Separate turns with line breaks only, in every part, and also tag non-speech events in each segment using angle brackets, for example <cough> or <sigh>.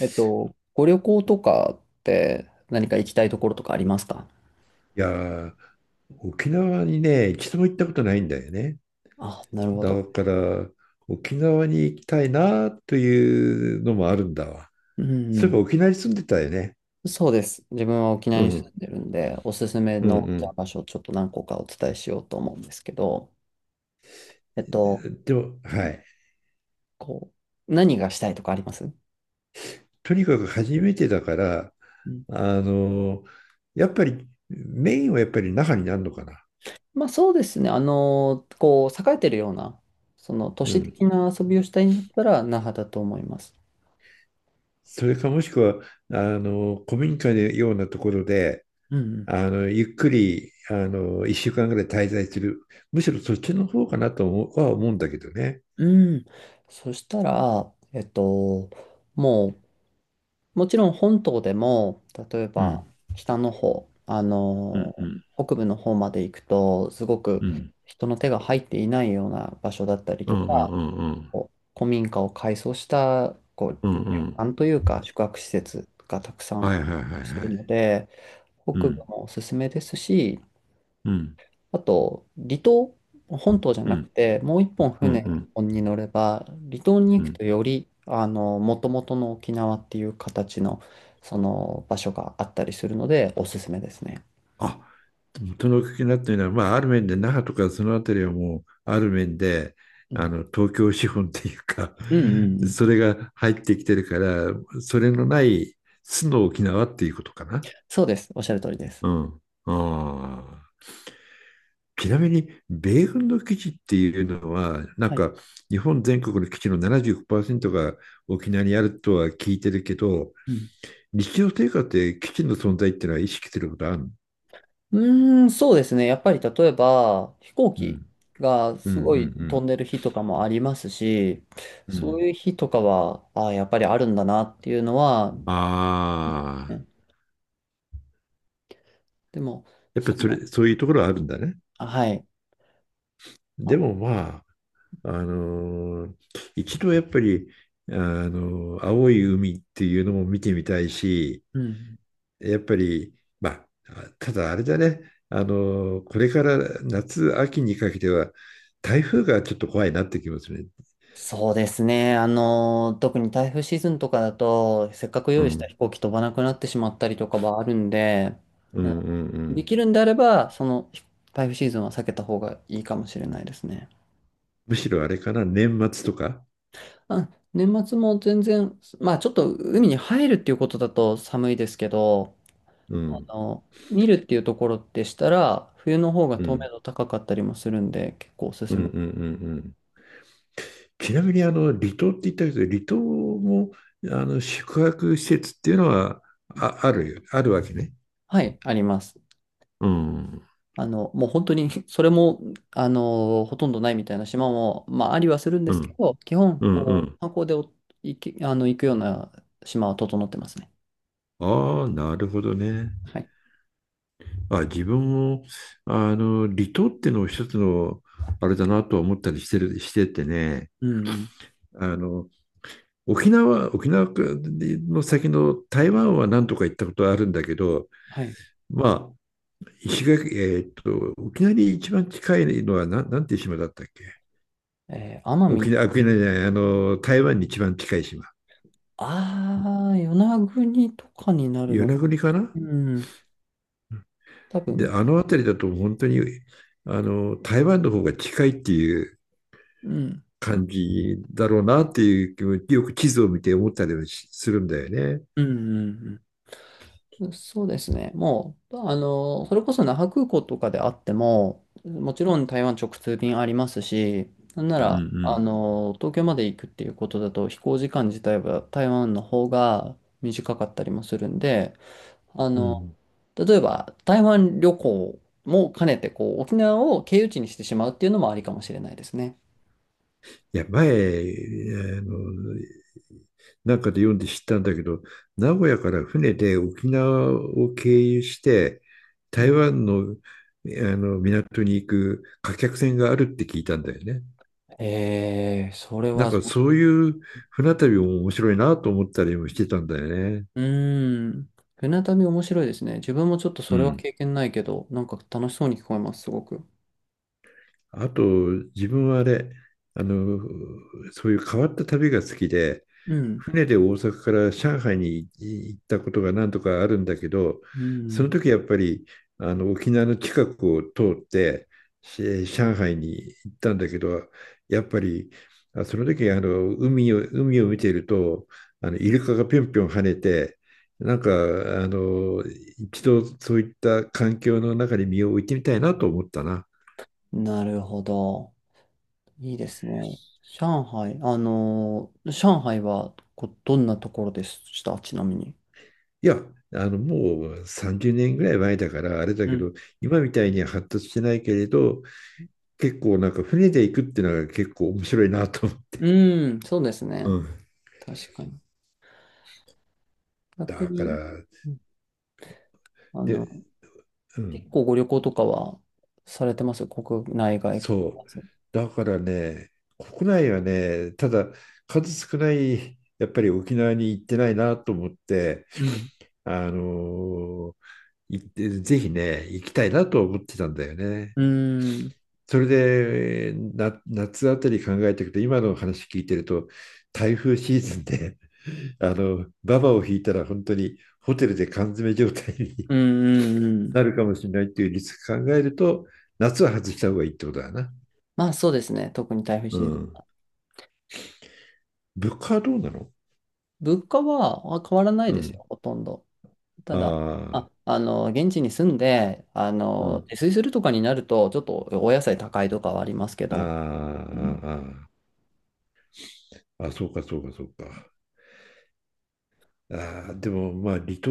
ご旅行とかって何か行きたいところとかありますか？
いやー、沖縄にね、一度も行ったことないんだよね。
あ、なるほど。
だから、沖縄に行きたいなというのもあるんだわ。
う
そう
ん
いえば
う
沖縄に住んでたよね。
ん。そうです。自分は沖縄
う
に住
ん、
んでるんで、おすすめ
う
のじゃあ
ん、
場所をちょっと何個かお伝えしようと思うんですけど、えっと、
うん。でも、はい。
こ何がしたいとかあります？
とにかく初めてだから、
うん。
あのやっぱりメインはやっぱり那覇になるのかな。
まあそうですね。あの、栄えてるような、その都
う
市
ん。
的な遊びをしたいんだったら、那覇だと思います。
それかもしくは、古民家のようなところで、
うん
ゆっくり、一週間ぐらい滞在する。むしろそっちの方かなと思うは思うんだけどね。
うん。うん。そしたら、もう、もちろん本島でも、例え
う
ば
ん、
北の方、
うん、うん、
北部の方まで行くと、すごく
うん、
人の手が入っていないような場所だったり
うん、
とか、
うん、うん、
こう古民家を改装したこう
う
旅
ん、うん、
館というか宿泊施設がたくさ
は
ん
いはいはい
す
は
るの
い。
で、北
う
部
ん、
もおすすめですし、
うん、
あと、離島、本島じゃ
う
なく
ん、
て、もう一本
うん、う
船
ん、
に乗れば、離島に
う
行く
ん。
とより、あの、もともとの沖縄っていう形の、その場所があったりするので、おすすめですね。
あ、その気になってるのは、まあ、ある面で那覇とかそのあたりはもう、ある面で、
うん。
東京資本っていうか、
うんうんう
<laughs>
ん。
それが入ってきてるから、それのない、素の沖縄っていうことかな。
そうです。おっしゃる通りです。
うん。ああ。ちなみに、米軍の基地っていうのは、なん
はい。
か日本全国の基地の75%が沖縄にあるとは聞いてるけど、
うん。
日常生活で基地の存在っていうのは意識することあるの？
うーん、そうですね。やっぱり例えば、飛行
う
機
ん。
が
うんうんう
すごい飛
ん
んでる日とかもありますし、
う
そう
ん。
いう日とかは、ああ、やっぱりあるんだなっていうのは、
ああ
ね。でも、
ー、やっぱ
そ
りそれ、
の、
そういうところはあるんだね。
はい。
でもまあ、あのー一度やっぱり、青い海っていうのも見てみたいし、
うん。
やっぱり、まあ、ただあれだね、これから夏、秋にかけては、台風がちょっと怖いなってきますね。
そうですね。あの、特に台風シーズンとかだと、せっかく
う
用意した飛
ん、
行機飛ばなくなってしまったりとかはあるんで、
う
うん、
ん、うん、う
で
ん、
きるんであれば、その台風シーズンは避けた方がいいかもしれないですね。
むしろあれかな、年末とか。
あ、年末も全然、まあちょっと海に入るっていうことだと寒いですけど、
う
あ
ん、
の、見るっていうところでしたら、冬の方が
う
透明
ん、
度高かったりもするんで、結構おす
う
す
ん、うん、う
め。
ん。うん。ちなみに、離島って言ったけど、離島も、宿泊施設っていうのは、あ、あるよ、あるわけね。
はい、あります。
うん、うん、
あの、もう本当に <laughs> それも、あの、ほとんどないみたいな島も、まあ、ありはするんで
う
すけ
ん、
ど、基本、
う
こ
ん。
う、観光でお行き、あの、行くような島は整ってますね。
ああ、なるほどね。
はい。
あ、自分も、離島ってのを一つの、あれだなとは思ったりしててね、
うんうん。
あの、沖縄の先の台湾は何とか行ったことあるんだけど、
はい。
まあ、石垣、沖縄に一番近いのは、なんていう島だったっけ？
えー奄
沖
美、
縄、沖縄じゃない、台湾に一番近い島。
ああ、与那国とかになる
与
の
那
か。
国かな？
うん。多
で、
分、
あの辺りだと本当に、あの、台湾の方が近いっていう
うん。
感じだろうなっていう気も、よく地図を見て思ったりはするんだよね。
うんうんうん。そうですね。もう、まあの、それこそ那覇空港とかであっても、もちろん台湾直通便ありますし、なんな
う
ら、あ
ん
の、東京まで行くっていうことだと、飛行時間自体は台湾の方が短かったりもするんで、あ
うん。う
の、
ん。
例えば台湾旅行も兼ねて、こう、沖縄を経由地にしてしまうっていうのもありかもしれないですね。
いや、前、あの、なんかで読んで知ったんだけど、名古屋から船で沖縄を経由して、
う
台
ん。
湾の、あの港に行く貨客船があるって聞いたんだよね。
えー、それ
なん
は、
かそういう船旅も面白いなと思ったりもしてたんだよね。
うーん。船旅面白いですね。自分もちょっと
う
それは
ん。
経験ないけど、なんか楽しそうに聞こえます、すごく。
あと、自分はあれ、あの、そういう変わった旅が好きで、
うん。
船で大阪から上海に行ったことが何とかあるんだけど、
う
その
ん。
時やっぱり沖縄の近くを通って上海に行ったんだけど、やっぱりその時海を見ているとイルカがぴょんぴょん跳ねて、なんか一度そういった環境の中に身を置いてみたいなと思ったな。
なるほど。いいですね。上海、あのー上海はどんなところでしたちなみに？
いや、もう30年ぐらい前だからあれだ
う
け
ん。
ど、今みたいには発達してないけれど、結構なんか船で行くっていうのが結構面白いなと思って。
うん、そうです
う
ね。
ん。
確かに。逆
だか
に、
ら、
うん、あ
で、
の、
う
結
ん、
構ご旅行とかはされてます国内外問
そ
わ
う。
ず？
だからね、国内はね、ただ数少ない、やっぱり沖縄に行ってないなと思って、
うん。
あのー行って、ぜひね、行きたいなと思ってたんだよね。
うん。
それでな夏あたり考えていくと今の話聞いてると台風シーズンでババを引いたら本当にホテルで缶詰状態に
うん、うん、うん。
なるかもしれないっていうリスク考えると夏は外した方がいいってことだな。
まあそうですね。特に台風
う
シーズ
ん。
ン。
物価はどうなの？
物価は変わらない
う
ですよ、
ん。
ほとんど。た
あ
だ、
あ、
あの、現地に住んで、あ
う
の、
ん。
自炊するとかになると、ちょっとお野菜高いとかはありますけ
ああ、
ど、うん、
あーあー、あそうかそうかそうか。ああ、でもまあ離島、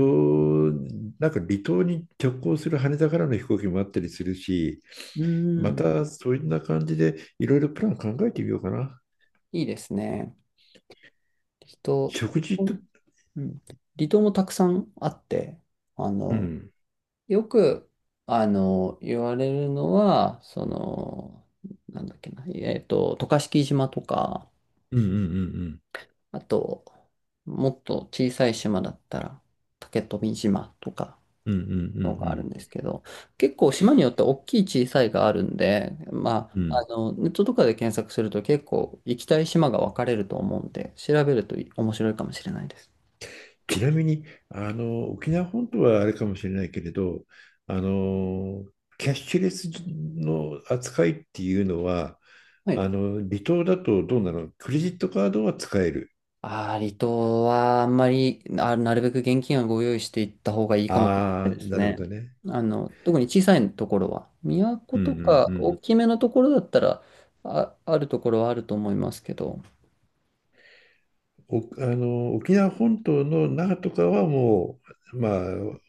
なんか離島に直行する羽田からの飛行機もあったりするし、
う
ま
ん、
た、そういった感じで、いろいろプラン考えてみようかな。
いいですね。離島、
食事と、
うん、離島もたくさんあって、あ
う
の、
ん。
よく、あの、言われるのは、その、なんだっけな、渡嘉敷島とか、
うんうん
あと、もっと小さい島だったら、竹富島とか、
うんうん。うんう
の
ん
があ
う
るん
ん
ですけど、結構島によって大きい小さいがあるんで、ま
うん。う
あ、
ん。
あの、ネットとかで検索すると結構行きたい島が分かれると思うんで、調べると面白いかもしれないです。
ちなみに、沖縄本島はあれかもしれないけれど、あの、キャッシュレスの扱いっていうのは、
はい。
離島だとどうなの？クレジットカードは使える？
ああ、離島はあんまり、なるべく現金はご用意していった方がいいかもしれな
ああ、
いです
なるほど
ね。
ね。
あの、特に小さいところは、都
うんう
と
ん
か
う
大
ん。
きめのところだったら、あるところはあると思いますけど、
お、沖縄本島の那覇とかはもう、まあ、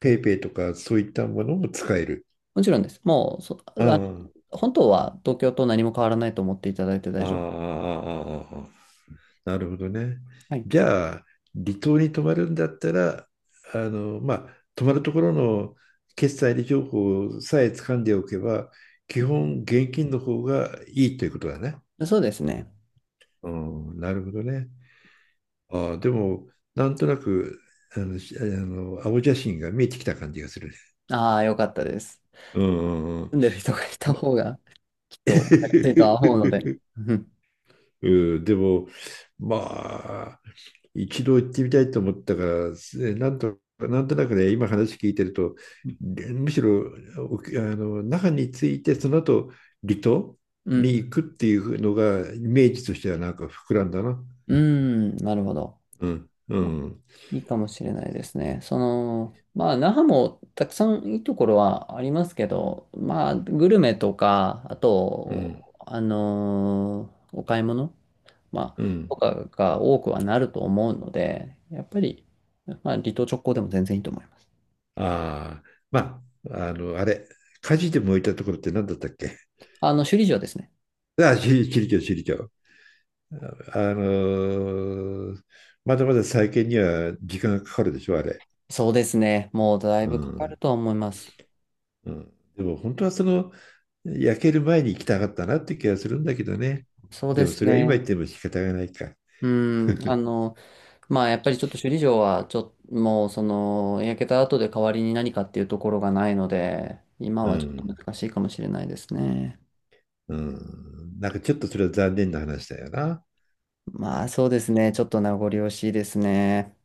ペイペイとかそういったものも使える？
もちろんです。もう、そ、
あ
あ、
あ、
本当は東京と何も変わらないと思っていただいて
あ
大
あ、
丈夫。
ああ、ああ。なるほどね。
はい。
じゃあ、離島に泊まるんだったら、まあ、泊まるところの決済情報さえ掴んでおけば、基本現金の方がいいということだね。
<laughs> そうですね。
うん、なるほどね。ああ、でも、なんとなく、青写真が見えてきた感じがするね。
ああ、よかったです。
うんうん
住んでる人がい
うん。
た
ま
方が、きっと、分りやすいとは思うので。
<laughs>
うん。
うん、でも、まあ、一度行ってみたいと思ったから、なんとなくね、今話聞いてると、むしろ那覇に着いて、その後離島
う
に行
ん。
くっていうのが、イメージとしてはなんか膨らんだな。
うん、なるほど。
うん、う
ま、
ん、
いいかもしれないですね。その、まあ、那覇もたくさんいいところはありますけど、まあ、グルメとか、あ
うん、
と、あのーお買い物、まあ、
う
と
ん。
かが多くはなると思うので、やっぱり、まあ、離島直行でも全然いいと思います。
ああ、まあ、あれ、火事で燃えたところって何だったっけ？
あの、首里城ですね。
<laughs> ああ、首里城、首里城。あのまだまだ再建には時間がかかるでしょ、あれ。
そうですね。もうだい
う
ぶかかる
ん。
とは思います。
うん、でも本当はその、焼ける前に行きたかったなって気がするんだけどね。
そう
で
で
も
す
それは今言っ
ね。
ても仕方がないか。
うん。あの、まあ、やっぱりちょっと首里城は、ちょっと、もう、その、焼けた後で代わりに何かっていうところがないので、今
う
はちょっと
ん。
難しいかもしれないですね。
うん。なんかちょっとそれは残念な話だよな。
まあ、そうですね。ちょっと名残惜しいですね。